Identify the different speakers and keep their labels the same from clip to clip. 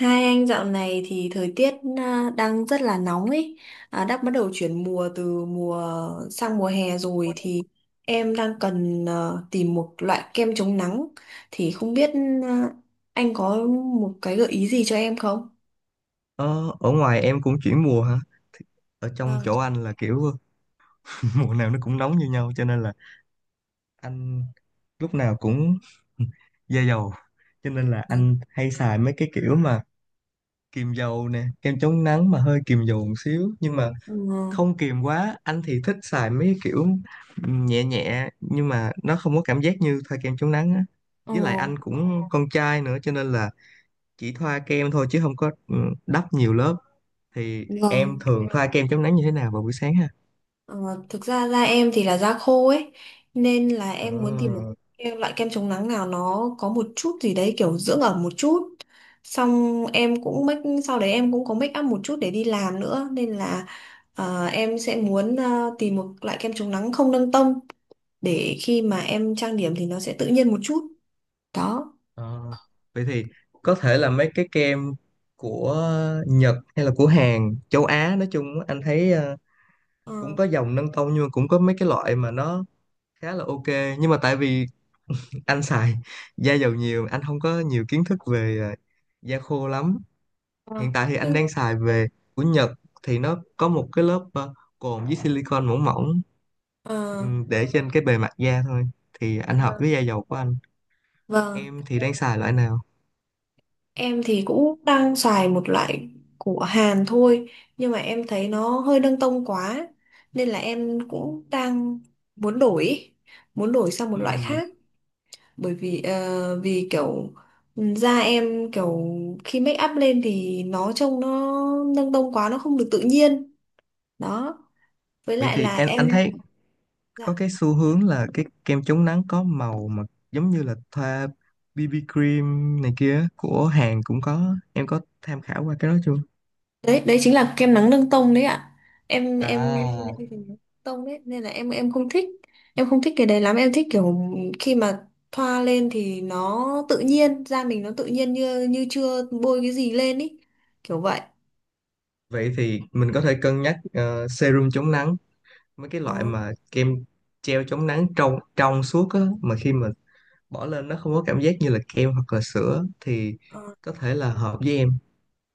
Speaker 1: Hai anh dạo này thì thời tiết đang rất là nóng ấy, đã bắt đầu chuyển mùa từ mùa sang mùa hè rồi thì em đang cần tìm một loại kem chống nắng thì không biết à, anh có một cái gợi ý gì cho em không?
Speaker 2: Ờ, ở ngoài em cũng chuyển mùa hả? Ở trong
Speaker 1: Vâng.
Speaker 2: chỗ anh là kiểu mùa nào nó cũng nóng như nhau cho nên là anh lúc nào cũng da dầu. Cho nên là anh hay xài mấy cái kiểu mà kiềm dầu nè, kem chống nắng mà hơi kiềm dầu một xíu nhưng mà
Speaker 1: Ừ.
Speaker 2: không kiềm quá. Anh thì thích xài mấy cái kiểu nhẹ nhẹ nhưng mà nó không có cảm giác như thoa kem chống nắng á.
Speaker 1: Ờ.
Speaker 2: Với lại anh cũng con trai nữa cho nên là chỉ thoa kem thôi chứ không có đắp nhiều lớp. Thì em
Speaker 1: Vâng.
Speaker 2: thường thoa kem chống nắng như thế nào vào buổi sáng ha?
Speaker 1: Ờ, Thực ra da em thì là da khô ấy nên là
Speaker 2: Ờ,
Speaker 1: em muốn tìm một cái loại kem chống nắng nào nó có một chút gì đấy kiểu dưỡng ẩm một chút, xong em cũng make sau đấy em cũng có make up một chút để đi làm nữa, nên là em sẽ muốn tìm một loại kem chống nắng không nâng tông để khi mà em trang điểm thì nó sẽ tự nhiên một chút đó.
Speaker 2: ờ. Vậy thì có thể là mấy cái kem của Nhật hay là của Hàn, châu Á nói chung á, anh thấy cũng
Speaker 1: Ờ.
Speaker 2: có dòng nâng tông nhưng mà cũng có mấy cái loại mà nó khá là ok, nhưng mà tại vì anh xài da dầu nhiều, anh không có nhiều kiến thức về da khô lắm.
Speaker 1: Ờ.
Speaker 2: Hiện tại thì anh
Speaker 1: Nhưng
Speaker 2: đang xài về của Nhật thì nó có một cái lớp cồn với silicon mỏng mỏng,
Speaker 1: ờ,
Speaker 2: để trên cái bề mặt da thôi, thì anh hợp với
Speaker 1: vâng,
Speaker 2: da dầu của anh.
Speaker 1: vâng.
Speaker 2: Em thì đang xài loại nào?
Speaker 1: Em thì cũng đang xài một loại của Hàn thôi nhưng mà em thấy nó hơi nâng tông quá nên là em cũng đang muốn đổi muốn đổi sang một loại
Speaker 2: Ừ.
Speaker 1: khác, bởi vì vì kiểu da em kiểu khi make up lên thì nó trông nó nâng tông quá, nó không được tự nhiên đó, với
Speaker 2: Vậy
Speaker 1: lại
Speaker 2: thì
Speaker 1: là
Speaker 2: em, anh
Speaker 1: em.
Speaker 2: thấy có
Speaker 1: Dạ.
Speaker 2: cái xu hướng là cái kem chống nắng có màu mà giống như là thoa BB cream này kia, của Hàn cũng có. Em có tham khảo qua cái đó chưa?
Speaker 1: Đấy đấy chính là kem nắng nâng tông đấy ạ. Em
Speaker 2: À,
Speaker 1: tông đấy nên là em không thích, em không thích cái đấy lắm, em thích kiểu khi mà thoa lên thì nó tự nhiên, da mình nó tự nhiên như như chưa bôi cái gì lên ý, kiểu vậy.
Speaker 2: vậy thì mình có thể cân nhắc serum chống nắng, mấy cái
Speaker 1: Ồ.
Speaker 2: loại mà kem treo chống nắng trong trong suốt á, mà khi mà bỏ lên nó không có cảm giác như là kem hoặc là sữa thì
Speaker 1: Ờ.
Speaker 2: có thể là hợp với em.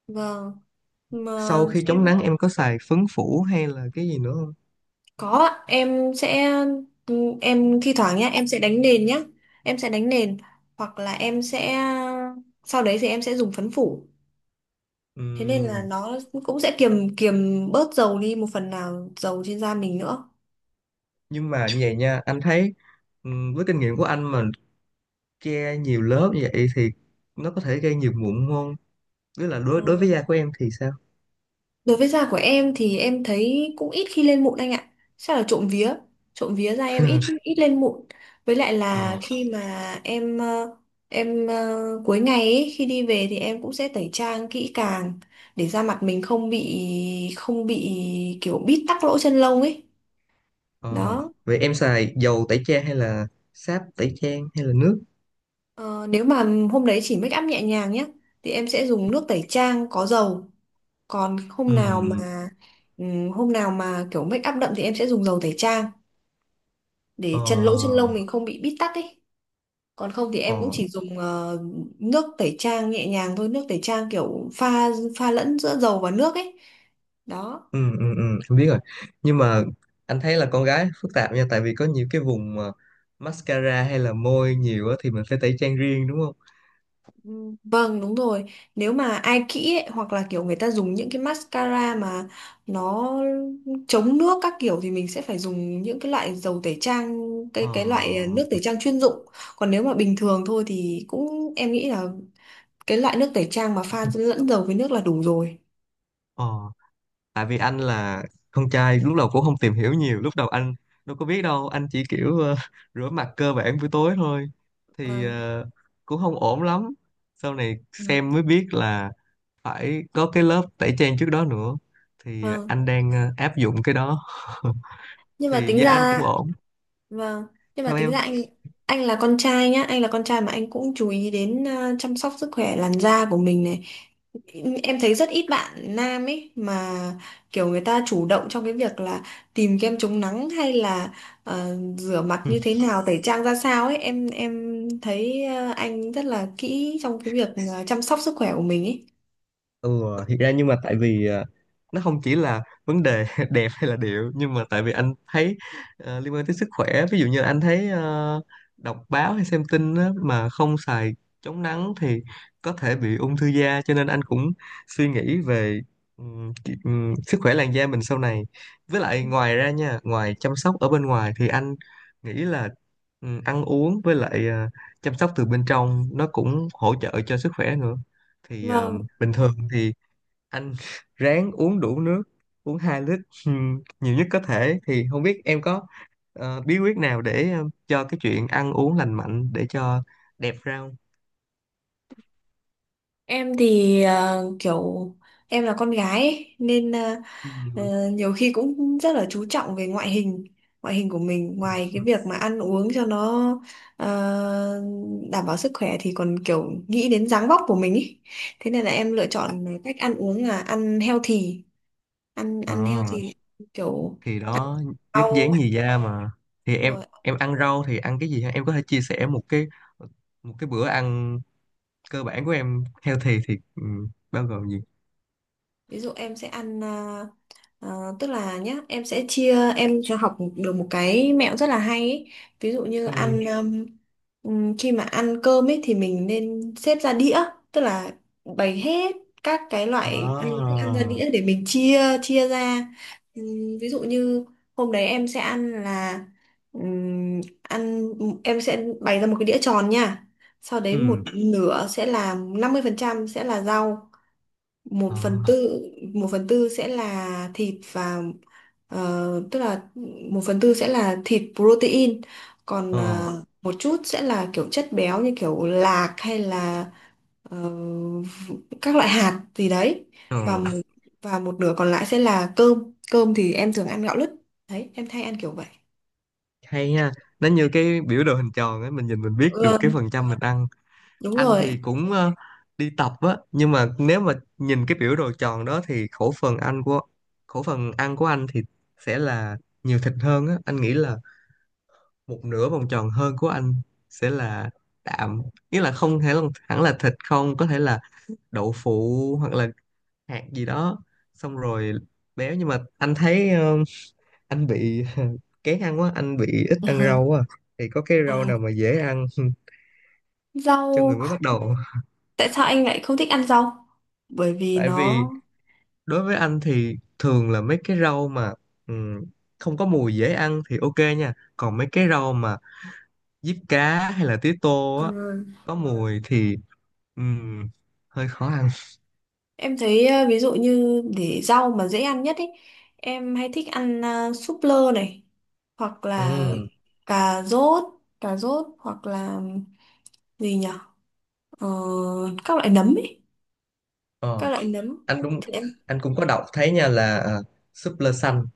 Speaker 1: Vâng, mà
Speaker 2: Sau khi
Speaker 1: em
Speaker 2: chống nắng em có xài phấn phủ hay là cái gì nữa không?
Speaker 1: có ạ. Em sẽ, em thi thoảng nhá em sẽ đánh nền nhá, em sẽ đánh nền hoặc là em sẽ sau đấy thì em sẽ dùng phấn phủ, thế nên là
Speaker 2: Ừm,
Speaker 1: nó cũng sẽ kiềm kiềm bớt dầu đi, một phần nào dầu trên da mình nữa.
Speaker 2: nhưng mà như vậy nha, anh thấy với kinh nghiệm của anh mà che nhiều lớp như vậy thì nó có thể gây nhiều mụn không, tức là
Speaker 1: Ờ,
Speaker 2: đối đối với da của em thì sao?
Speaker 1: Đối với da của em thì em thấy cũng ít khi lên mụn anh ạ, chắc là trộm vía, trộm vía da em ít ít lên mụn, với lại là
Speaker 2: Ờ,
Speaker 1: khi mà em em cuối ngày ấy, khi đi về thì em cũng sẽ tẩy trang kỹ càng để da mặt mình không bị kiểu bít tắc lỗ chân lông ấy
Speaker 2: ờ.
Speaker 1: đó.
Speaker 2: Vậy em xài dầu tẩy trang hay là sáp tẩy trang hay là nước?
Speaker 1: Ờ, Nếu mà hôm đấy chỉ make up nhẹ nhàng nhé thì em sẽ dùng nước tẩy trang có dầu, còn
Speaker 2: Ừm.
Speaker 1: hôm nào mà kiểu make up đậm thì em sẽ dùng dầu tẩy trang để chân lỗ chân
Speaker 2: Ờ,
Speaker 1: lông mình không bị bít tắc ấy, còn không thì em cũng
Speaker 2: ờ.
Speaker 1: chỉ dùng nước tẩy trang nhẹ nhàng thôi, nước tẩy trang kiểu pha pha lẫn giữa dầu và nước ấy đó.
Speaker 2: Ừ, ừ, ừ. Em biết rồi. Nhưng mà anh thấy là con gái phức tạp nha, tại vì có nhiều cái vùng mà mascara hay là môi nhiều á thì mình phải tẩy trang riêng đúng không?
Speaker 1: Ừ. Vâng, đúng rồi. Nếu mà ai kỹ ấy, hoặc là kiểu người ta dùng những cái mascara mà nó chống nước các kiểu thì mình sẽ phải dùng những cái loại dầu tẩy trang, cái
Speaker 2: Ờ,
Speaker 1: cái loại nước tẩy trang chuyên dụng, còn nếu mà bình thường thôi thì cũng em nghĩ là cái loại nước tẩy trang mà pha lẫn dầu với nước là đủ rồi.
Speaker 2: ờ. Tại vì anh là con trai, lúc đầu cũng không tìm hiểu nhiều, lúc đầu anh đâu có biết đâu, anh chỉ kiểu rửa mặt cơ bản buổi tối thôi, thì
Speaker 1: Vâng.
Speaker 2: cũng không ổn lắm. Sau này xem mới biết là phải có cái lớp tẩy trang trước đó nữa, thì
Speaker 1: Vâng.
Speaker 2: anh đang áp dụng cái đó.
Speaker 1: Nhưng mà
Speaker 2: Thì
Speaker 1: tính
Speaker 2: da anh cũng
Speaker 1: ra,
Speaker 2: ổn.
Speaker 1: vâng, nhưng mà
Speaker 2: Sao
Speaker 1: tính ra
Speaker 2: em?
Speaker 1: anh là con trai nhá, anh là con trai mà anh cũng chú ý đến chăm sóc sức khỏe làn da của mình này. Em thấy rất ít bạn nam ấy mà kiểu người ta chủ động trong cái việc là tìm kem chống nắng hay là rửa mặt như thế nào, tẩy trang ra sao ấy, em thấy anh rất là kỹ trong cái việc chăm sóc sức khỏe của mình ấy.
Speaker 2: Ừ, thiệt ra nhưng mà tại vì nó không chỉ là vấn đề đẹp hay là điệu, nhưng mà tại vì anh thấy liên quan tới sức khỏe. Ví dụ như anh thấy đọc báo hay xem tin á, mà không xài chống nắng thì có thể bị ung thư da, cho nên anh cũng suy nghĩ về sức khỏe làn da mình sau này. Với lại ngoài ra nha, ngoài chăm sóc ở bên ngoài thì anh nghĩ là ăn uống với lại chăm sóc từ bên trong nó cũng hỗ trợ cho sức khỏe nữa, thì
Speaker 1: Vâng,
Speaker 2: bình thường thì anh ráng uống đủ nước, uống 2 lít, nhiều nhất có thể. Thì không biết em có bí quyết nào để cho cái chuyện ăn uống lành mạnh để cho đẹp ra không?
Speaker 1: em thì kiểu em là con gái ấy, nên
Speaker 2: Ừm.
Speaker 1: Nhiều khi cũng rất là chú trọng về ngoại hình, ngoại hình của mình, ngoài cái việc mà ăn uống cho nó ờ, đảm bảo sức khỏe thì còn kiểu nghĩ đến dáng vóc của mình ý. Thế nên là em lựa chọn cách ăn uống là ăn healthy, ăn
Speaker 2: Ờ,
Speaker 1: ăn healthy kiểu
Speaker 2: thì đó, nhất
Speaker 1: rau,
Speaker 2: dán nhì da mà. Thì
Speaker 1: đúng
Speaker 2: em
Speaker 1: rồi.
Speaker 2: em ăn rau thì ăn cái gì ha? Em có thể chia sẻ một cái bữa ăn cơ bản của em healthy thì bao gồm gì?
Speaker 1: Ví dụ em sẽ ăn tức là nhá em sẽ em cho học được một cái mẹo rất là hay ấy. Ví dụ như
Speaker 2: Ừm.
Speaker 1: ăn khi mà ăn cơm ấy thì mình nên xếp ra đĩa, tức là bày hết các cái loại ăn thức
Speaker 2: À.
Speaker 1: ăn ra đĩa để mình chia chia ra. Ví dụ như hôm đấy em sẽ ăn là ừm, ăn em sẽ bày ra một cái đĩa tròn nha, sau đấy một
Speaker 2: Ừm.
Speaker 1: nửa sẽ là 50% sẽ là rau, một
Speaker 2: Ờ.
Speaker 1: phần tư 1/4 sẽ là thịt và tức là 1/4 sẽ là thịt protein, còn
Speaker 2: Ờ.
Speaker 1: một chút sẽ là kiểu chất béo như kiểu lạc hay là ờ, các loại hạt gì đấy,
Speaker 2: Ờ.
Speaker 1: và một- và một nửa còn lại sẽ là cơm, cơm thì em thường ăn gạo lứt, đấy em thay ăn kiểu vậy.
Speaker 2: Hay nha, nó như cái biểu đồ hình tròn ấy, mình nhìn mình biết được cái
Speaker 1: Ừ,
Speaker 2: phần trăm mình ăn.
Speaker 1: đúng
Speaker 2: Anh
Speaker 1: rồi.
Speaker 2: thì cũng đi tập á, nhưng mà nếu mà nhìn cái biểu đồ tròn đó thì khẩu phần ăn của anh thì sẽ là nhiều thịt hơn á. Anh nghĩ là một nửa vòng tròn hơn của anh sẽ là đạm, nghĩa là không thể là, hẳn là thịt không, có thể là đậu phụ hoặc là hạt gì đó, xong rồi béo. Nhưng mà anh thấy anh bị kén ăn quá, anh bị ít ăn rau quá à. Thì có cái rau
Speaker 1: À,
Speaker 2: nào mà dễ ăn cho người
Speaker 1: rau,
Speaker 2: mới bắt đầu không?
Speaker 1: tại sao anh lại không thích ăn rau? Bởi vì
Speaker 2: Tại
Speaker 1: nó
Speaker 2: vì đối với anh thì thường là mấy cái rau mà ừm, không có mùi dễ ăn thì ok nha, còn mấy cái rau mà diếp cá hay là tía tô á
Speaker 1: ừ,
Speaker 2: có mùi thì ừm, hơi khó ăn.
Speaker 1: em thấy ví dụ như để rau mà dễ ăn nhất ấy, em hay thích ăn súp lơ này, hoặc là
Speaker 2: Ừm.
Speaker 1: cà rốt, hoặc là gì nhở. Ờ, các loại nấm ấy, các
Speaker 2: Ờ,
Speaker 1: loại nấm
Speaker 2: anh đúng.
Speaker 1: thì em,
Speaker 2: Anh cũng có đọc thấy nha là súp lơ xanh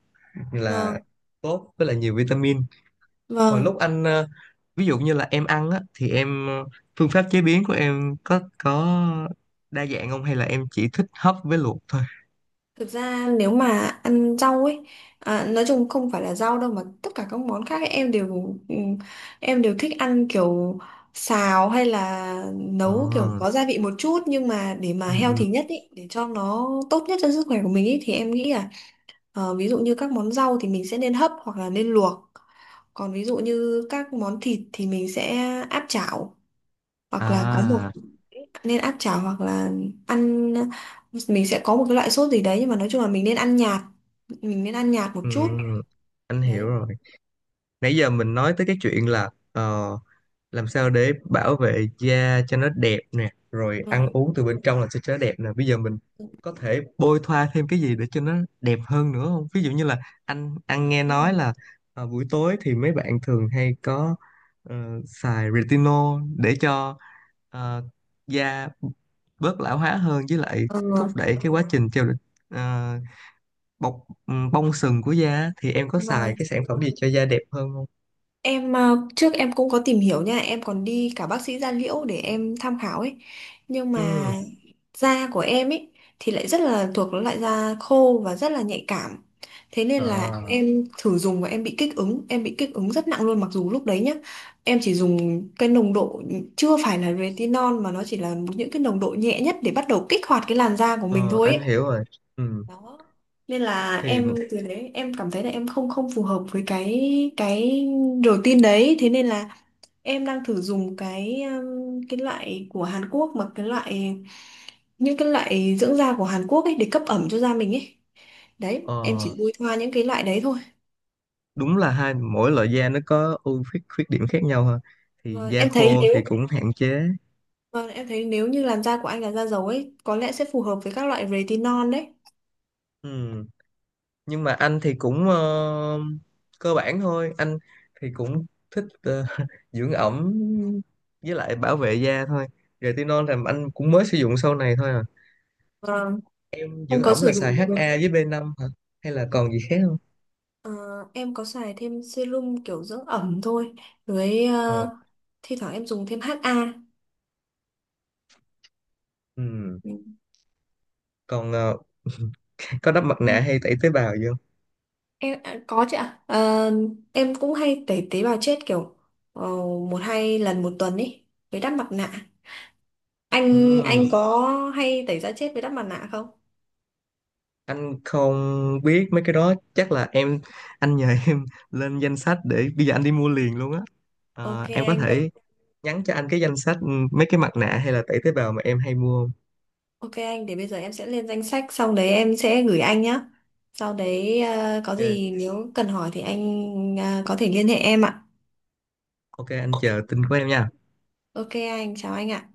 Speaker 2: là
Speaker 1: vâng,
Speaker 2: tốt, với là nhiều vitamin. Hồi lúc
Speaker 1: vâng.
Speaker 2: anh ví dụ như là em ăn á thì em phương pháp chế biến của em có đa dạng không, hay là em chỉ thích hấp với luộc thôi?
Speaker 1: Thực ra nếu mà ăn rau ấy, nói chung không phải là rau đâu mà tất cả các món khác ấy, em đều thích ăn kiểu xào hay là
Speaker 2: Ờ,
Speaker 1: nấu kiểu có gia vị một chút, nhưng mà để mà
Speaker 2: ừ, ừ.
Speaker 1: healthy nhất ý, để cho nó tốt nhất cho sức khỏe của mình ý, thì em nghĩ là ví dụ như các món rau thì mình sẽ nên hấp hoặc là nên luộc, còn ví dụ như các món thịt thì mình sẽ áp chảo hoặc là có một
Speaker 2: À,
Speaker 1: nên áp chảo hoặc là ăn mình sẽ có một cái loại sốt gì đấy, nhưng mà nói chung là mình nên ăn nhạt, một
Speaker 2: ừ,
Speaker 1: chút
Speaker 2: ừ. Anh hiểu
Speaker 1: đấy.
Speaker 2: rồi. Nãy giờ mình nói tới cái chuyện là làm sao để bảo vệ da cho nó đẹp nè, rồi ăn
Speaker 1: Vâng.
Speaker 2: uống từ bên trong là sẽ cho nó đẹp nè. Bây giờ mình có thể bôi thoa thêm cái gì để cho nó đẹp hơn nữa không? Ví dụ như là anh nghe nói là buổi tối thì mấy bạn thường hay có ờ, xài retinol để cho ờ, da bớt lão hóa hơn, với lại
Speaker 1: Ừ.
Speaker 2: thúc đẩy cái quá trình trao đổi, ờ, bọc bong sừng của da á. Thì em có xài
Speaker 1: Vâng.
Speaker 2: cái sản phẩm gì cho da đẹp hơn không?
Speaker 1: Em trước em cũng có tìm hiểu nha, em còn đi cả bác sĩ da liễu để em tham khảo ấy. Nhưng mà
Speaker 2: Ừ.
Speaker 1: da của em ấy thì lại rất là thuộc loại da khô và rất là nhạy cảm. Thế nên là
Speaker 2: À.
Speaker 1: em thử dùng và em bị kích ứng, em bị kích ứng rất nặng luôn, mặc dù lúc đấy nhá, em chỉ dùng cái nồng độ chưa phải là retinol mà nó chỉ là những cái nồng độ nhẹ nhất để bắt đầu kích hoạt cái làn da của mình
Speaker 2: Ờ,
Speaker 1: thôi
Speaker 2: anh
Speaker 1: ấy
Speaker 2: hiểu rồi. Ừ.
Speaker 1: đó. Nên là
Speaker 2: Thì
Speaker 1: em từ đấy em cảm thấy là em không không phù hợp với cái routine đấy, thế nên là em đang thử dùng cái loại của Hàn Quốc, mà cái loại những cái loại dưỡng da của Hàn Quốc ấy để cấp ẩm cho da mình ấy, đấy
Speaker 2: ờ,
Speaker 1: em chỉ bôi thoa những cái loại đấy thôi.
Speaker 2: đúng là hai mỗi loại da nó có ưu khuyết khuyết điểm khác nhau ha. Thì
Speaker 1: vâng,
Speaker 2: da
Speaker 1: em thấy
Speaker 2: khô
Speaker 1: nếu
Speaker 2: thì cũng hạn chế.
Speaker 1: vâng, em thấy nếu như làn da của anh là da dầu ấy có lẽ sẽ phù hợp với các loại retinol đấy.
Speaker 2: Ừ. Nhưng mà anh thì cũng cơ bản thôi. Anh thì cũng thích dưỡng ẩm với lại bảo vệ da thôi. Retinol là anh cũng mới sử dụng sau này thôi à.
Speaker 1: Vâng, anh
Speaker 2: Dưỡng
Speaker 1: có
Speaker 2: ẩm
Speaker 1: sử
Speaker 2: là xài
Speaker 1: dụng.
Speaker 2: HA với B5 hả? Hay là còn gì khác không?
Speaker 1: Ờ, em có xài thêm serum kiểu dưỡng ẩm thôi, với
Speaker 2: Ờ.
Speaker 1: thi thoảng em dùng thêm HA.
Speaker 2: Ừ. Còn có đắp mặt
Speaker 1: Ừ.
Speaker 2: nạ hay tẩy tế bào gì không?
Speaker 1: Em có chứ ạ. Ờ, em cũng hay tẩy tế bào chết kiểu ờ, một hai lần một tuần ý, với đắp mặt nạ. Anh
Speaker 2: Ừ.
Speaker 1: có hay tẩy da chết với đắp mặt nạ không?
Speaker 2: Anh không biết mấy cái đó, chắc là em. Anh nhờ em lên danh sách để bây giờ anh đi mua liền luôn á.
Speaker 1: OK
Speaker 2: Ờ, em có
Speaker 1: anh vậy.
Speaker 2: thể nhắn cho anh cái danh sách, mấy cái mặt nạ hay là tẩy tế bào mà em hay mua không?
Speaker 1: OK anh để bây giờ em sẽ lên danh sách xong đấy em sẽ gửi anh nhá, sau đấy có
Speaker 2: Ok,
Speaker 1: gì nếu cần hỏi thì anh có thể liên hệ em ạ.
Speaker 2: ok. Anh chờ tin của em nha.
Speaker 1: OK anh chào anh ạ.